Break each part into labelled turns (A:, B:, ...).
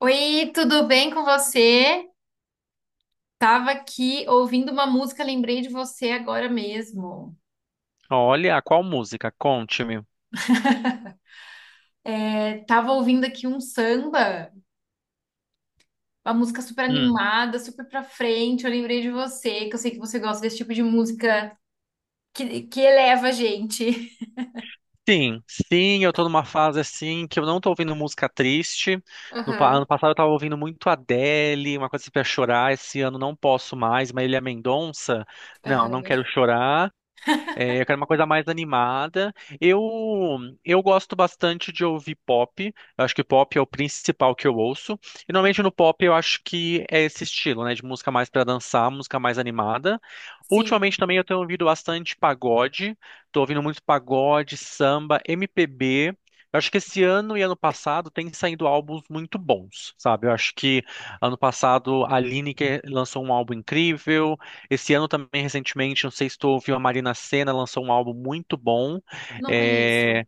A: Oi, tudo bem com você? Tava aqui ouvindo uma música, lembrei de você agora mesmo.
B: Olha, qual música? Conte-me.
A: É, tava ouvindo aqui um samba, uma música super
B: Hum.
A: animada, super pra frente. Eu lembrei de você, que eu sei que você gosta desse tipo de música que eleva a gente.
B: Sim, sim, eu tô numa fase assim que eu não tô ouvindo música triste. No pa-
A: Aham,
B: Ano passado eu tava ouvindo muito Adele, uma coisa assim pra chorar. Esse ano não posso mais, Marília Mendonça. Não, não
A: aham.
B: quero chorar. É, eu quero uma coisa mais animada. Eu eu gosto bastante de ouvir pop. Eu acho que pop é o principal que eu ouço. E normalmente no pop eu acho que é esse estilo, né, de música mais para dançar, música mais animada.
A: Sim,
B: Ultimamente também eu tenho ouvido bastante pagode. Tô ouvindo muito pagode, samba, MPB. Eu acho que esse ano e ano passado tem saído álbuns muito bons, sabe? Eu acho que ano passado a Lineker lançou um álbum incrível. Esse ano também, recentemente, não sei se tu ouviu, a Marina Sena lançou um álbum muito bom.
A: não conheço.
B: É,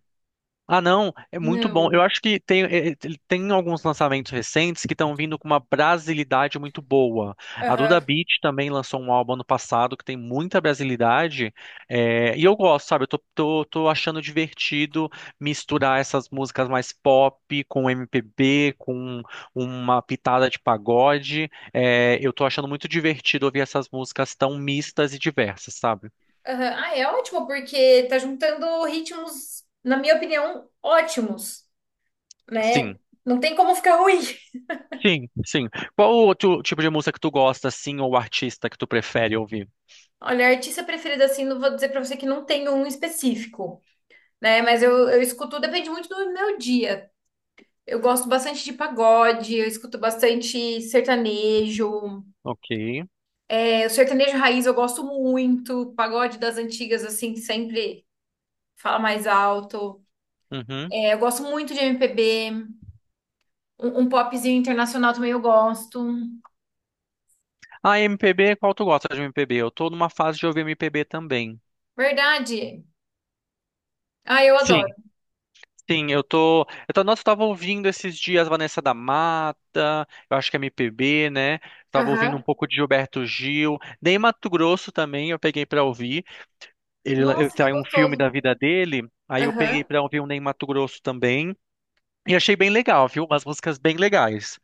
B: ah, não, é muito bom.
A: Não.
B: Eu acho que tem, tem alguns lançamentos recentes que estão vindo com uma brasilidade muito boa. A Duda
A: Aham,
B: Beat também lançou um álbum ano passado que tem muita brasilidade. É, e eu gosto, sabe? Eu tô achando divertido misturar essas músicas mais pop com MPB, com uma pitada de pagode. É, eu tô achando muito divertido ouvir essas músicas tão mistas e diversas, sabe?
A: aham. Ah, é ótimo, porque tá juntando ritmos, na minha opinião, ótimos, né?
B: Sim.
A: Não tem como ficar ruim.
B: Sim, sim. Qual o outro tipo de música que tu gosta, assim, ou artista que tu prefere ouvir?
A: Olha, artista preferida, assim, não vou dizer pra você que não tem um específico, né? Mas eu escuto, depende muito do meu dia. Eu gosto bastante de pagode, eu escuto bastante sertanejo.
B: Ok.
A: É, o sertanejo raiz eu gosto muito, pagode das antigas, assim, que sempre fala mais alto.
B: Uhum.
A: É, eu gosto muito de MPB, um popzinho internacional também eu gosto.
B: Ah, MPB, qual tu gosta de MPB? Eu tô numa fase de ouvir MPB também.
A: Verdade? Ah, eu adoro.
B: Sim, sim, eu tô. Nossa, eu tava ouvindo esses dias Vanessa da Mata, eu acho que é MPB, né? Tava ouvindo um
A: Aham.
B: pouco de Gilberto Gil. Ney Mato Grosso também eu peguei pra ouvir. Ele
A: Nossa, que
B: tem um filme
A: gostoso.
B: da vida dele, aí eu peguei
A: Aham.
B: pra ouvir um Ney Mato Grosso também. E achei bem legal, viu? Umas músicas bem legais.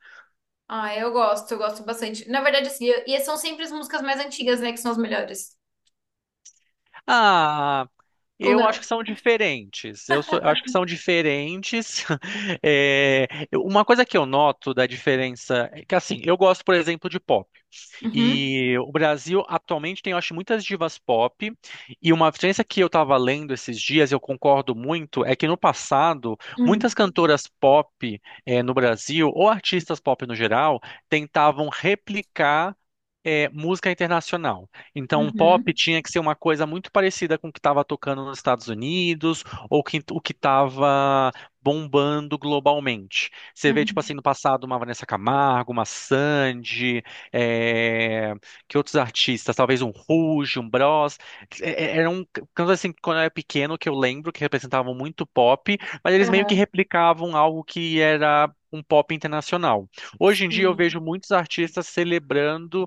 A: Ah, eu gosto bastante. Na verdade, assim, são sempre as músicas mais antigas, né, que são as melhores.
B: Ah,
A: Ou
B: eu
A: não?
B: acho que são diferentes. Eu acho que são diferentes. É, uma coisa que eu noto da diferença é que, assim, eu gosto, por exemplo, de pop.
A: Uhum.
B: E o Brasil atualmente tem, eu acho, muitas divas pop. E uma diferença que eu estava lendo esses dias, e eu concordo muito, é que no passado, muitas
A: Hum.
B: cantoras pop no Brasil, ou artistas pop no geral, tentavam replicar música internacional. Então, o pop
A: Uhum.
B: tinha que ser uma coisa muito parecida com o que estava tocando nos Estados Unidos ou o que estava bombando globalmente. Você vê, tipo assim,
A: Uhum.
B: no passado, uma Vanessa Camargo, uma Sandy, é, que outros artistas, talvez um Rouge, um Bros, eram cantos assim que quando eu era pequeno que eu lembro que representavam muito pop, mas eles meio que
A: Aham.
B: replicavam algo que era um pop internacional. Hoje em dia eu
A: Sim.
B: vejo muitos artistas celebrando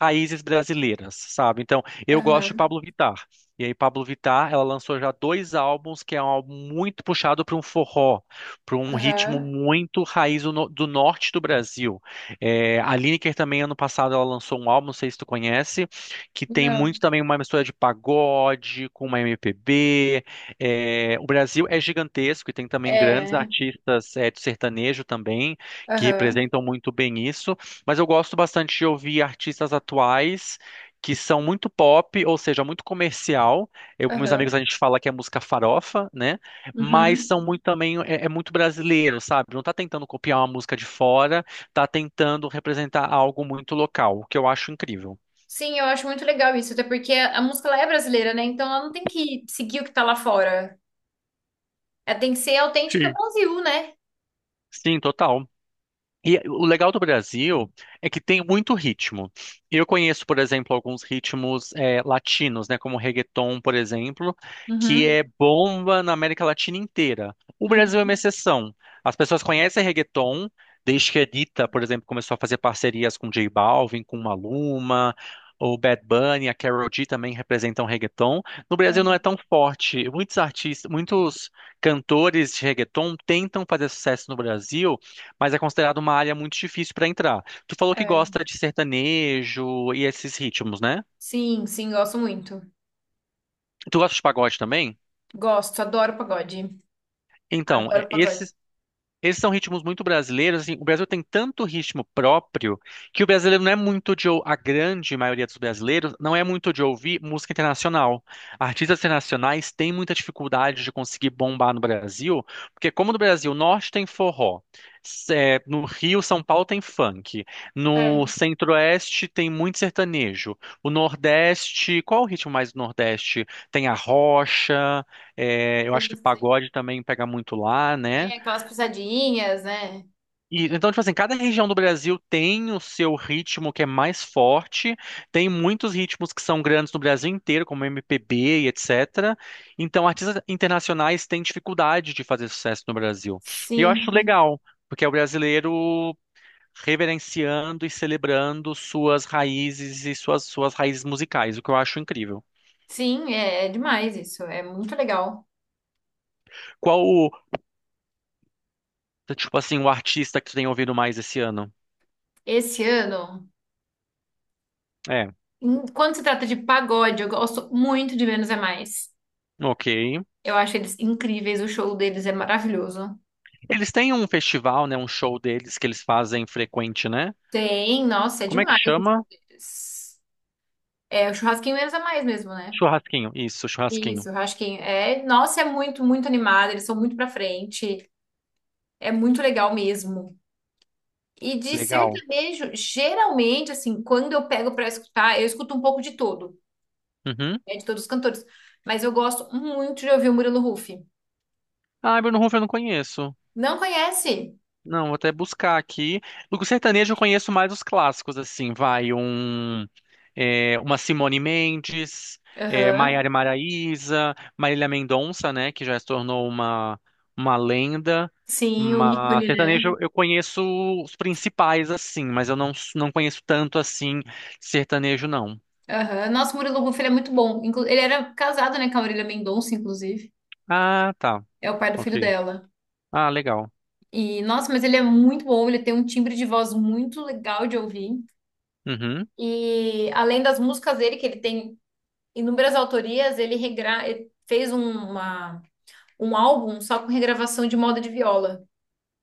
B: raízes brasileiras, sabe? Então, eu gosto de
A: Aham.
B: Pablo Vittar. E aí, Pablo Vittar, ela lançou já dois álbuns, que é um álbum muito puxado para um forró, para um ritmo
A: Aham.
B: muito raiz do no- do norte do Brasil. É, a Lineker também, ano passado, ela lançou um álbum, não sei se tu conhece, que tem muito
A: Não.
B: também uma mistura de pagode com uma MPB. É, o Brasil é gigantesco e tem também grandes
A: É.
B: artistas, é, de sertanejo também, que
A: Aham.
B: representam muito bem isso. Mas eu gosto bastante de ouvir artistas atuais. Que são muito pop, ou seja, muito comercial. Eu, meus amigos,
A: Aham.
B: a gente fala que é música farofa, né? Mas
A: Uhum.
B: são muito também, é muito brasileiro, sabe? Não tá tentando copiar uma música de fora, tá tentando representar algo muito local, o que eu acho incrível.
A: Sim, eu acho muito legal isso, até porque a música ela é brasileira, né? Então ela não tem que seguir o que tá lá fora. Ela tem que ser autêntica
B: Sim.
A: Brasil, né?
B: Sim, total. E o legal do Brasil é que tem muito ritmo. Eu conheço, por exemplo, alguns ritmos latinos, né, como reggaeton, por exemplo, que
A: Uhum.
B: é bomba na América Latina inteira. O Brasil é uma
A: Uhum.
B: exceção. As pessoas conhecem reggaeton desde que a Anitta, por exemplo, começou a fazer parcerias com J Balvin, com Maluma, o Bad Bunny, a Karol G também representam reggaeton. No Brasil não é
A: Aham.
B: tão forte. Muitos artistas, muitos cantores de reggaeton tentam fazer sucesso no Brasil, mas é considerado uma área muito difícil para entrar. Tu falou que
A: É.
B: gosta de sertanejo e esses ritmos, né?
A: Sim, gosto muito.
B: Tu gosta de pagode também?
A: Gosto, adoro pagode.
B: Então, é,
A: Adoro pagode.
B: esses Esses são ritmos muito brasileiros, assim, o Brasil tem tanto ritmo próprio que o brasileiro não é muito de, a grande maioria dos brasileiros não é muito de ouvir música internacional. Artistas internacionais têm muita dificuldade de conseguir bombar no Brasil, porque como no Brasil, o norte tem forró, no Rio, São Paulo tem funk,
A: É,
B: no centro-oeste tem muito sertanejo, o nordeste, qual o ritmo mais do nordeste? Tem a rocha, é, eu
A: e
B: acho que
A: você-
B: pagode também pega muito lá, né?
A: é aquelas pisadinhas, né?
B: E então, tipo assim, cada região do Brasil tem o seu ritmo que é mais forte, tem muitos ritmos que são grandes no Brasil inteiro, como MPB e etc. Então, artistas internacionais têm dificuldade de fazer sucesso no Brasil. E eu
A: Sim,
B: acho
A: sim.
B: legal, porque é o brasileiro reverenciando e celebrando suas raízes e suas raízes musicais, o que eu acho incrível.
A: Sim, é, é demais isso. É muito legal.
B: Qual o, tipo assim, o artista que tu tem ouvido mais esse ano?
A: Esse ano,
B: É,
A: quando se trata de pagode, eu gosto muito de Menos é Mais.
B: ok.
A: Eu acho eles incríveis, o show deles é maravilhoso.
B: Eles têm um festival, né? Um show deles que eles fazem frequente, né?
A: Tem, nossa, é
B: Como é que
A: demais o
B: chama?
A: show deles. É o churrasquinho Menos é Mais mesmo, né?
B: Churrasquinho. Isso, churrasquinho.
A: Isso, o churrasquinho. É, nossa, é muito, muito animado, eles são muito pra frente. É muito legal mesmo. E de
B: Legal.
A: sertanejo, geralmente, assim, quando eu pego pra escutar, eu escuto um pouco de todo,
B: Uhum.
A: né, de todos os cantores. Mas eu gosto muito de ouvir o Murilo Huff.
B: Ah, Bruno Huff eu não conheço.
A: Não conhece?
B: Não, vou até buscar aqui. Do sertanejo eu conheço mais os clássicos, assim, vai um, é, uma Simone Mendes, é,
A: Aham.
B: Maiara e Maraíza, Marília Mendonça, né, que já se tornou uma lenda.
A: Sim, o
B: Mas
A: ícone,
B: sertanejo
A: né?
B: eu conheço os principais, assim, mas eu não, não conheço tanto, assim, sertanejo, não.
A: Aham. Nossa, o Murilo Huff, ele é muito bom. Ele era casado, né, com a Marília Mendonça, inclusive.
B: Ah, tá,
A: É o pai do
B: ok.
A: filho dela.
B: Ah, legal.
A: E, nossa, mas ele é muito bom. Ele tem um timbre de voz muito legal de ouvir.
B: Uhum,
A: E, além das músicas dele, que ele tem inúmeras autorias, ele fez uma... um álbum só com regravação de moda de viola.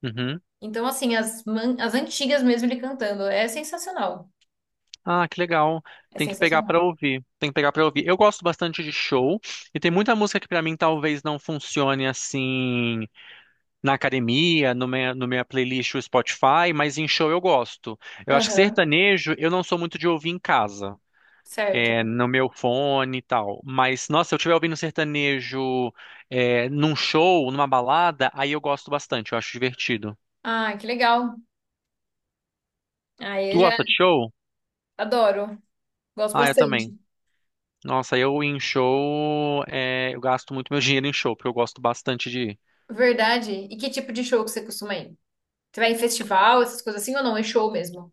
B: uhum.
A: Então, assim, as antigas mesmo ele cantando. É sensacional.
B: Ah, que legal.
A: É
B: Tem que pegar
A: sensacional.
B: pra ouvir. Tem que pegar pra ouvir. Eu gosto bastante de show e tem muita música que pra mim talvez não funcione assim na academia, no minha playlist do Spotify, mas em show eu gosto. Eu acho que
A: Aham.
B: sertanejo eu não sou muito de ouvir em casa,
A: Certo.
B: é, no meu fone e tal. Mas nossa, se eu estiver ouvindo sertanejo é, num show, numa balada, aí eu gosto bastante. Eu acho divertido.
A: Ah, que legal. Aí
B: Tu
A: eu já
B: gosta de show?
A: adoro. Gosto
B: Ah, eu também.
A: bastante.
B: Nossa, eu em show, é, eu gasto muito meu dinheiro em show, porque eu gosto bastante de ir.
A: Verdade. E que tipo de show que você costuma ir? Você vai em festival, essas coisas assim ou não? É show mesmo?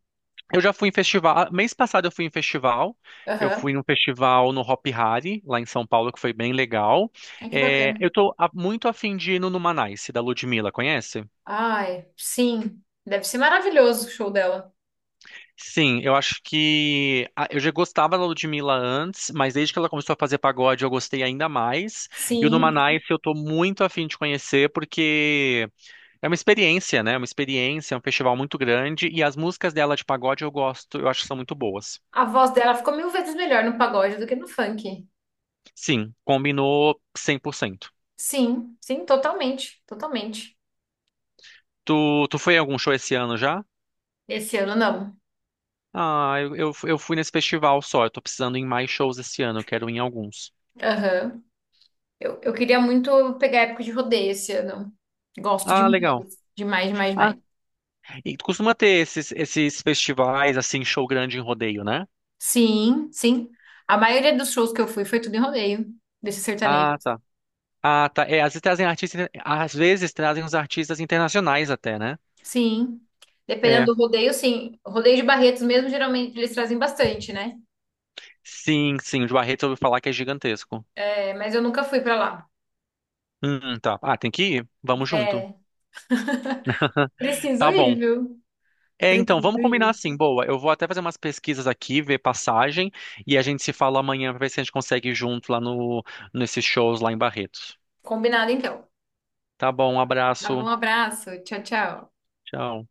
B: Eu já fui em festival, ah, mês passado eu fui em festival, eu
A: Aham.
B: fui num festival no Hop Hari, lá em São Paulo, que foi bem legal.
A: Ai, que
B: É,
A: bacana.
B: muito afim de ir no Numanice, da Ludmilla, conhece?
A: Ai, sim. Deve ser maravilhoso o show dela.
B: Sim, eu acho que eu já gostava da Ludmilla antes, mas desde que ela começou a fazer pagode eu gostei ainda mais. E o
A: Sim.
B: Numanice eu tô muito afim de conhecer, porque... É uma experiência, né? É uma experiência, é um festival muito grande e as músicas dela de pagode eu gosto, eu acho que são muito boas.
A: A voz dela ficou mil vezes melhor no pagode do que no funk.
B: Sim, combinou 100%.
A: Sim, totalmente, totalmente.
B: Tu foi em algum show esse ano já?
A: Esse ano não.
B: Ah, eu fui nesse festival só, eu tô precisando ir em mais shows esse ano, eu quero ir em alguns.
A: Aham. Eu queria muito pegar a época de rodeio esse ano. Gosto
B: Ah,
A: demais.
B: legal.
A: Demais, demais,
B: Ah,
A: demais.
B: e tu costuma ter esses, esses festivais, assim, show grande em rodeio, né?
A: Sim, sim. A maioria dos shows que eu fui foi tudo em rodeio, desses
B: Ah,
A: sertanejos.
B: tá. Ah, tá. É, às vezes trazem artistas, às vezes trazem os artistas internacionais até, né?
A: Sim.
B: É.
A: Dependendo do rodeio, sim. Rodeio de Barretos mesmo, geralmente eles trazem bastante, né?
B: Sim, sim, o de Barreto eu ouvi falar que é gigantesco.
A: É, mas eu nunca fui pra lá.
B: Tá. Ah, tem que ir? Vamos junto.
A: É. Preciso
B: Tá
A: ir,
B: bom.
A: viu?
B: É, então, vamos
A: Preciso
B: combinar
A: ir.
B: assim, boa. Eu vou até fazer umas pesquisas aqui, ver passagem, e a gente se fala amanhã pra ver se a gente consegue ir junto lá no, nesses shows lá em Barretos.
A: Combinado, então.
B: Tá bom, um
A: Tá bom, um
B: abraço.
A: abraço. Tchau, tchau.
B: Tchau.